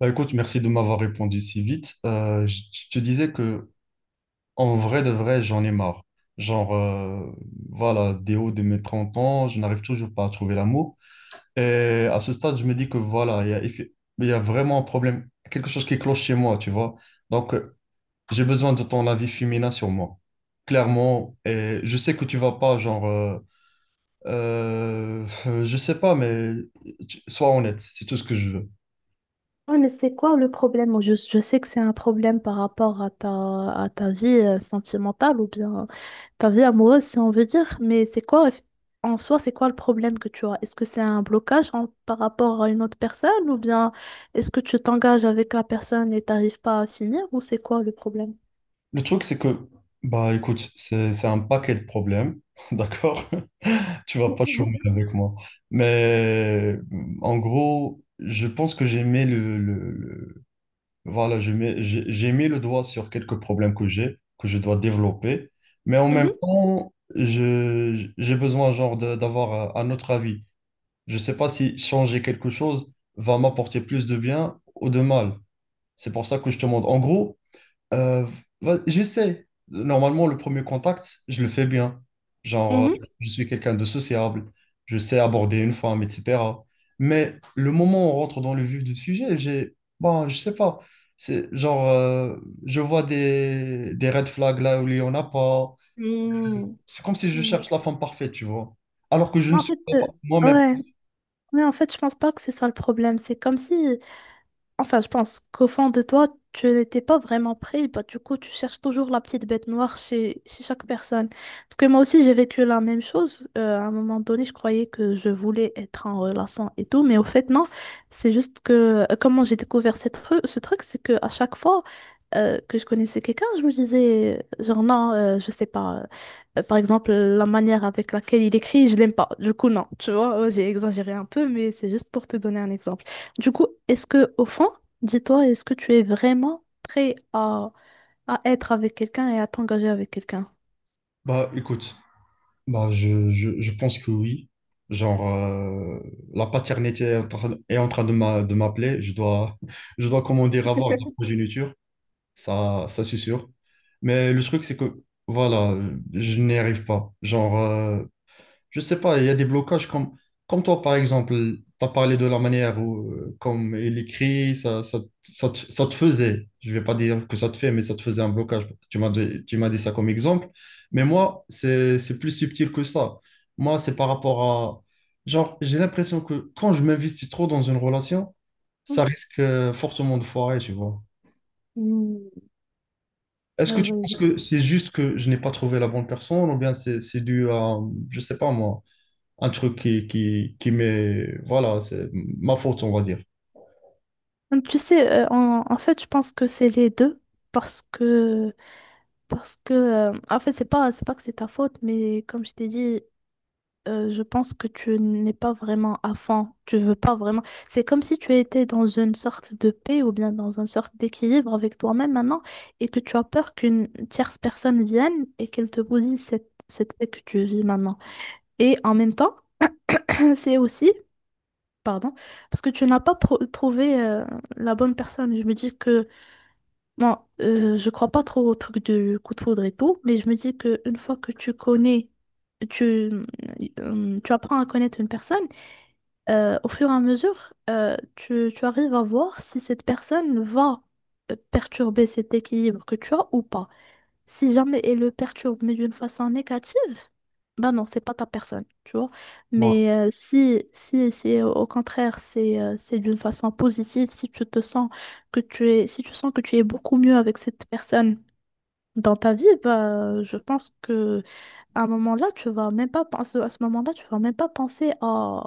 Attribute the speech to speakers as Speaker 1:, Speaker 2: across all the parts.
Speaker 1: Bah, écoute, merci de m'avoir répondu si vite. Je te disais que en vrai de vrai, j'en ai marre. Genre, voilà, des hauts de mes 30 ans, je n'arrive toujours pas à trouver l'amour. Et à ce stade, je me dis que voilà, il y a vraiment un problème, quelque chose qui cloche chez moi, tu vois. Donc, j'ai besoin de ton avis féminin sur moi, clairement. Et je sais que tu vas pas, genre, euh, je sais pas, mais sois honnête, c'est tout ce que je veux.
Speaker 2: Ouais, mais c'est quoi le problème? Je sais que c'est un problème par rapport à ta vie sentimentale ou bien ta vie amoureuse, si on veut dire, mais en soi, c'est quoi le problème que tu as? Est-ce que c'est un blocage par rapport à une autre personne ou bien est-ce que tu t'engages avec la personne et t'arrives pas à finir ou c'est quoi le problème?
Speaker 1: Le truc, c'est que, bah écoute, c'est un paquet de problèmes, d'accord? Tu vas pas chômer avec moi. Mais en gros, je pense que j'ai mis voilà, j'ai mis le doigt sur quelques problèmes que j'ai, que je dois développer. Mais en même
Speaker 2: Mhm,
Speaker 1: temps, j'ai besoin genre d'avoir un autre avis. Je sais pas si changer quelque chose va m'apporter plus de bien ou de mal. C'est pour ça que je te demande. En gros, euh, j'essaie. Normalement, le premier contact, je le fais bien. Genre,
Speaker 2: mhm.
Speaker 1: je suis quelqu'un de sociable, je sais aborder une femme, etc. Mais le moment où on rentre dans le vif du sujet, bon, je sais pas. C'est genre, je vois des red flags là où il y en a pas.
Speaker 2: Mm.
Speaker 1: C'est comme si je cherche la femme parfaite, tu vois. Alors que je
Speaker 2: Mais
Speaker 1: ne
Speaker 2: en
Speaker 1: suis
Speaker 2: fait,
Speaker 1: pas moi-même.
Speaker 2: ouais, mais en fait, je pense pas que c'est ça le problème. C'est comme si, enfin, je pense qu'au fond de toi, tu n'étais pas vraiment pris. Bah, du coup, tu cherches toujours la petite bête noire chez, chez chaque personne. Parce que moi aussi, j'ai vécu la même chose. À un moment donné, je croyais que je voulais être en relation et tout. Mais au fait, non. C'est juste que comment j'ai découvert ce truc, c'est que à chaque fois que je connaissais quelqu'un, je me disais, genre, non, je sais pas. Par exemple, la manière avec laquelle il écrit, je l'aime pas. Du coup, non. Tu vois, j'ai exagéré un peu, mais c'est juste pour te donner un exemple. Du coup, est-ce que, au fond, dis-toi, est-ce que tu es vraiment prêt à être avec quelqu'un et à t'engager avec quelqu'un?
Speaker 1: Bah, écoute. Bah, je pense que oui. Genre, la paternité est en train de m'appeler. Je dois, je dois, comment dire, avoir de la progéniture. Ça c'est sûr. Mais le truc, c'est que, voilà, je n'y arrive pas. Genre, je sais pas, il y a des blocages comme toi, par exemple, tu as parlé de la manière où, comme il écrit, ça te faisait, je vais pas dire que ça te fait, mais ça te faisait un blocage. Tu m'as dit ça comme exemple. Mais moi, c'est plus subtil que ça. Moi, c'est par rapport à, genre, j'ai l'impression que quand je m'investis trop dans une relation, ça risque fortement de foirer, tu vois.
Speaker 2: Hmm,
Speaker 1: Est-ce
Speaker 2: ouais,
Speaker 1: que tu
Speaker 2: ouais,
Speaker 1: penses
Speaker 2: je-
Speaker 1: que c'est juste que je n'ai pas trouvé la bonne personne ou bien c'est dû à, je sais pas moi un truc qui m'est. Voilà, c'est ma faute, on va dire.
Speaker 2: Tu sais, en, en fait, je pense que c'est les deux parce que, parce que, en fait, c'est pas que c'est ta faute, mais comme je t'ai dit, je pense que tu n'es pas vraiment à fond, tu veux pas vraiment. C'est comme si tu étais dans une sorte de paix ou bien dans une sorte d'équilibre avec toi-même maintenant et que tu as peur qu'une tierce personne vienne et qu'elle te bousille cette, cette paix que tu vis maintenant. Et en même temps, c'est aussi, pardon, parce que tu n'as pas trouvé la bonne personne. Je me dis que, bon, je crois pas trop au truc du coup de foudre et tout, mais je me dis que une fois que tu connais, tu, tu apprends à connaître une personne, au fur et à mesure, tu, tu arrives à voir si cette personne va perturber cet équilibre que tu as ou pas. Si jamais elle le perturbe, mais d'une façon négative, ben non, c'est pas ta personne, tu vois.
Speaker 1: Ouais.
Speaker 2: Mais si, si, si au contraire, c'est d'une façon positive, si tu te sens que tu es, si tu sens que tu es beaucoup mieux avec cette personne, dans ta vie, bah, je pense que à un moment-là, tu vas même pas penser, à ce moment-là, tu vas même pas penser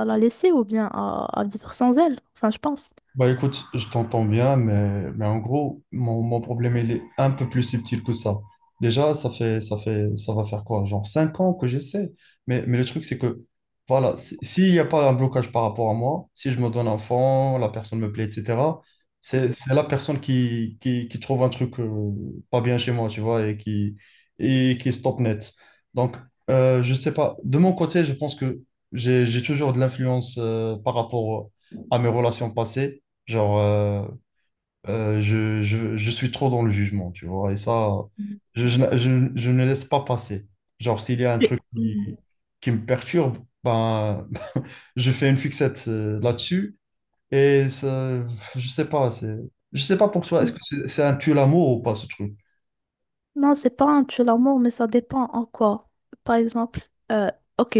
Speaker 2: à la laisser ou bien à vivre sans elle. Enfin, je pense.
Speaker 1: Bah écoute, je t'entends bien, mais en gros, mon problème, il est un peu plus subtil que ça. Déjà, ça va faire quoi? Genre 5 ans que j'essaie. Mais le truc, c'est que, voilà, s'il n'y a pas un blocage par rapport à moi, si je me donne un fond, la personne me plaît, etc., c'est la personne qui trouve un truc pas bien chez moi, tu vois, et qui stop net. Donc, je sais pas. De mon côté, je pense que j'ai toujours de l'influence par rapport à mes relations passées. Genre, je suis trop dans le jugement, tu vois, et ça, je ne laisse pas passer. Genre, s'il y a un truc qui,
Speaker 2: Mm.
Speaker 1: qui me perturbe, ben, je fais une fixette là-dessus, et ça, je sais pas, je sais pas pour toi, est-ce
Speaker 2: Mm.
Speaker 1: que c'est un tue-l'amour ou pas, ce truc?
Speaker 2: Non, c'est pas un tue l'amour, mais ça dépend en quoi. Par exemple, euh, ok,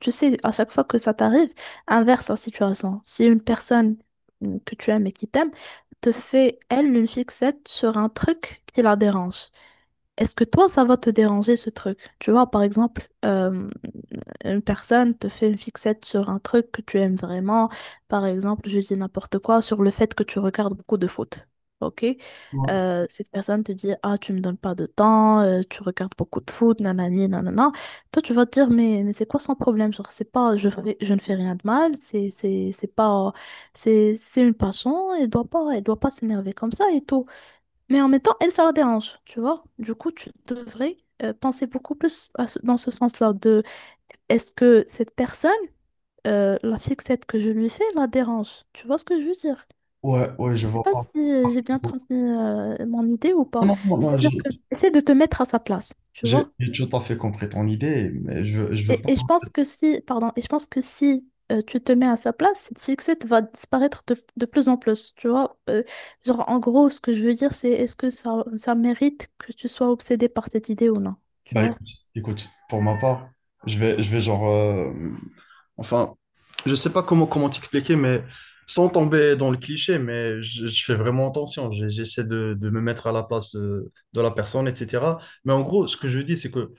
Speaker 2: tu sais, à chaque fois que ça t'arrive, inverse la situation. Si une personne mm, que tu aimes et qui t'aime te fait, elle, une fixette sur un truc qui la dérange, est-ce que toi, ça va te déranger ce truc? Tu vois, par exemple, une personne te fait une fixette sur un truc que tu aimes vraiment, par exemple, je dis n'importe quoi, sur le fait que tu regardes beaucoup de foot. Ok?
Speaker 1: Ouais,
Speaker 2: Cette personne te dit, ah, tu me donnes pas de temps, tu regardes beaucoup de foot, nanani, nanana. Toi, tu vas te dire, mais c'est quoi son problème? Genre, c'est pas, je, je ne fais rien de mal, c'est pas, c'est une passion, elle doit pas s'énerver comme ça et tout. Mais en même temps, elle, ça la dérange, tu vois? Du coup, tu devrais penser beaucoup plus à dans ce sens-là de est-ce que cette personne, la fixette que je lui fais, la dérange? Tu vois ce que je veux dire?
Speaker 1: ouais, ouais,
Speaker 2: Je
Speaker 1: je
Speaker 2: sais
Speaker 1: vois
Speaker 2: pas
Speaker 1: pas.
Speaker 2: si j'ai bien transmis mon idée ou pas.
Speaker 1: Non, non, non,
Speaker 2: C'est-à-dire
Speaker 1: j'ai
Speaker 2: que essaie de te mettre à sa place, tu
Speaker 1: j'ai-
Speaker 2: vois?
Speaker 1: j'ai tout à fait compris ton idée, mais je veux pas.
Speaker 2: Et je pense que si, pardon, et je pense que si tu te mets à sa place, cette fixette va disparaître de plus en plus, tu vois? Genre, en gros, ce que je veux dire, c'est est-ce que ça mérite que tu sois obsédé par cette idée ou non? Tu
Speaker 1: Bah
Speaker 2: vois?
Speaker 1: écoute, pour ma part, je vais genre Enfin, je sais pas comment t'expliquer, mais sans tomber dans le cliché, mais je fais vraiment attention. J'essaie de me mettre à la place de la personne, etc. Mais en gros, ce que je dis, c'est que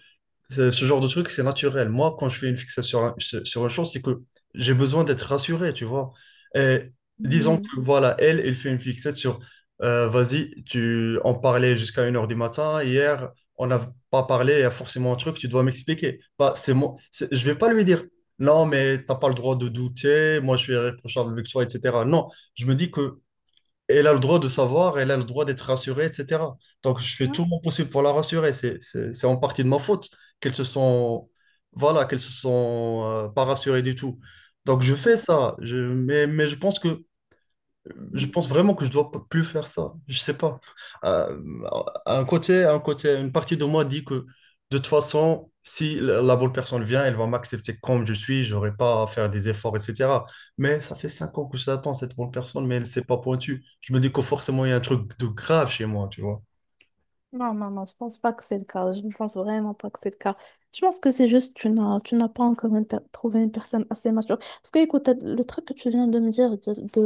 Speaker 1: Ce genre de truc, c'est naturel. Moi, quand je fais une fixation sur, un- sur sur une chose, c'est que j'ai besoin d'être rassuré, tu vois. Et disons
Speaker 2: Mhm.
Speaker 1: que, voilà, elle fait une fixette sur, vas-y, tu en parlait jusqu'à 1 h du matin. Hier, on n'a pas parlé, il y a forcément un truc, tu dois m'expliquer. Bah, c'est moi, je vais pas lui dire, non, mais t'as pas le droit de douter, moi, je suis irréprochable avec toi, etc. Non, je me dis que elle a le droit de savoir, elle a le droit d'être rassurée, etc. Donc, je fais tout mon possible pour la rassurer. C'est en partie de ma faute qu'elles se sont, voilà, qu'elles se sont pas rassurées du tout. Donc, je fais ça. Mais je pense vraiment que je dois plus faire ça. Je sais pas. Euh, une partie de moi dit que de toute façon, si la bonne personne vient, elle va m'accepter comme je suis. J'aurai pas à faire des efforts, etc. Mais ça fait 5 ans que je l'attends, cette bonne personne, mais elle s'est pas pointue. Je me dis que forcément, il y a un truc de grave chez moi, tu vois.
Speaker 2: Non, non, non, je pense pas que c'est le cas. Je ne pense vraiment pas que c'est le cas. Je pense que c'est juste que tu n'as pas encore trouvé une personne assez mature. Parce que, écoute, le truc que tu viens de me dire, de,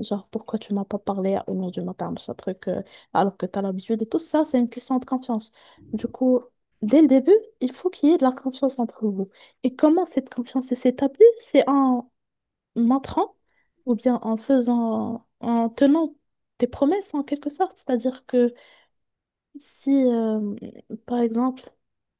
Speaker 2: genre, pourquoi tu m'as pas parlé à une heure du matin, ce truc, alors que tu as l'habitude et tout ça, c'est une question de confiance. Du coup, dès le début, il faut qu'il y ait de la confiance entre vous. Et comment cette confiance s'établit? C'est en montrant ou bien en faisant, en tenant tes promesses en quelque sorte. C'est-à-dire que si, par exemple,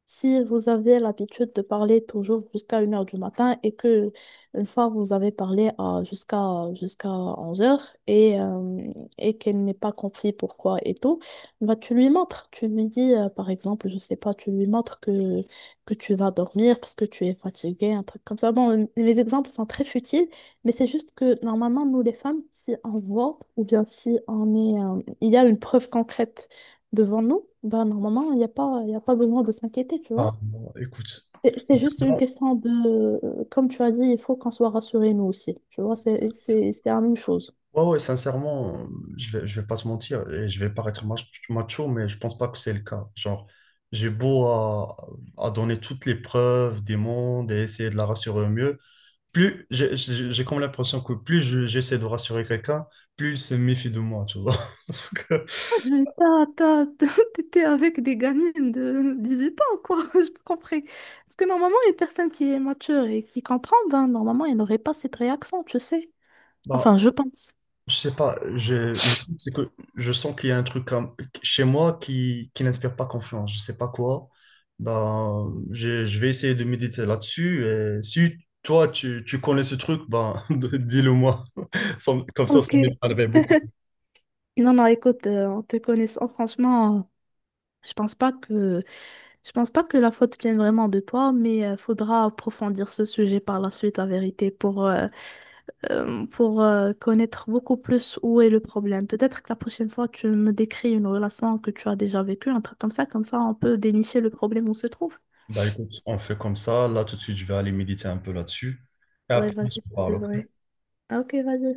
Speaker 2: si vous avez l'habitude de parler toujours jusqu'à une heure du matin et que une fois vous avez parlé à, jusqu'à jusqu'à onze heures et, euh, et qu'elle n'est pas compris pourquoi et tout, bah, tu lui montres. Tu lui dis, par exemple, je sais pas, tu lui montres que tu vas dormir parce que tu es fatigué, un truc comme ça. Bon, les exemples sont très futiles, mais c'est juste que normalement, nous les femmes, si on voit ou bien si on est, il y a une preuve concrète devant nous, bah, normalement, il n'y a pas, il y a pas besoin de s'inquiéter, tu
Speaker 1: Ah,
Speaker 2: vois.
Speaker 1: bon, écoute,
Speaker 2: C'est juste une
Speaker 1: sincèrement.
Speaker 2: question de, comme tu as dit, il faut qu'on soit rassurés nous aussi, tu vois, c'est la même chose.
Speaker 1: Ouais, ouais, sincèrement, je vais pas se mentir et je vais paraître macho, mais je pense pas que c'est le cas. Genre, j'ai beau à donner toutes les preuves des mondes et essayer de la rassurer au mieux. Plus j'ai comme l'impression que plus j'essaie de rassurer quelqu'un, plus il se méfie de moi, tu vois. Donc,
Speaker 2: Ah, mais t'as- T'étais avec des gamines de 18 ans, quoi. Je comprends. Parce que normalement, une personne qui est mature et qui comprend, ben, normalement, elle n'aurait pas cette réaction, tu sais.
Speaker 1: bah,
Speaker 2: Enfin, je pense.
Speaker 1: Je sais pas. Le truc, c'est que je sens qu'il y a un truc comme, chez moi qui n'inspire pas confiance. Je sais pas quoi. Ben, je vais essayer de méditer là-dessus. Et si toi, tu connais ce truc, ben, dis-le moi. Comme ça
Speaker 2: Ok.
Speaker 1: m'aiderait beaucoup.
Speaker 2: Non, non, écoute, en te connaissant, franchement, je pense pas que je pense pas que la faute vienne vraiment de toi, mais faudra approfondir ce sujet par la suite, la vérité, pour connaître beaucoup plus où est le problème. Peut-être que la prochaine fois, tu me décris une relation que tu as déjà vécue, un truc comme ça, on peut dénicher le problème où se trouve.
Speaker 1: Bah écoute, on fait comme ça. Là, tout de suite, je vais aller méditer un peu là-dessus. Et
Speaker 2: Ouais,
Speaker 1: après, on se
Speaker 2: vas-y, c'est
Speaker 1: parle.
Speaker 2: vrai. Ah, ok, vas-y.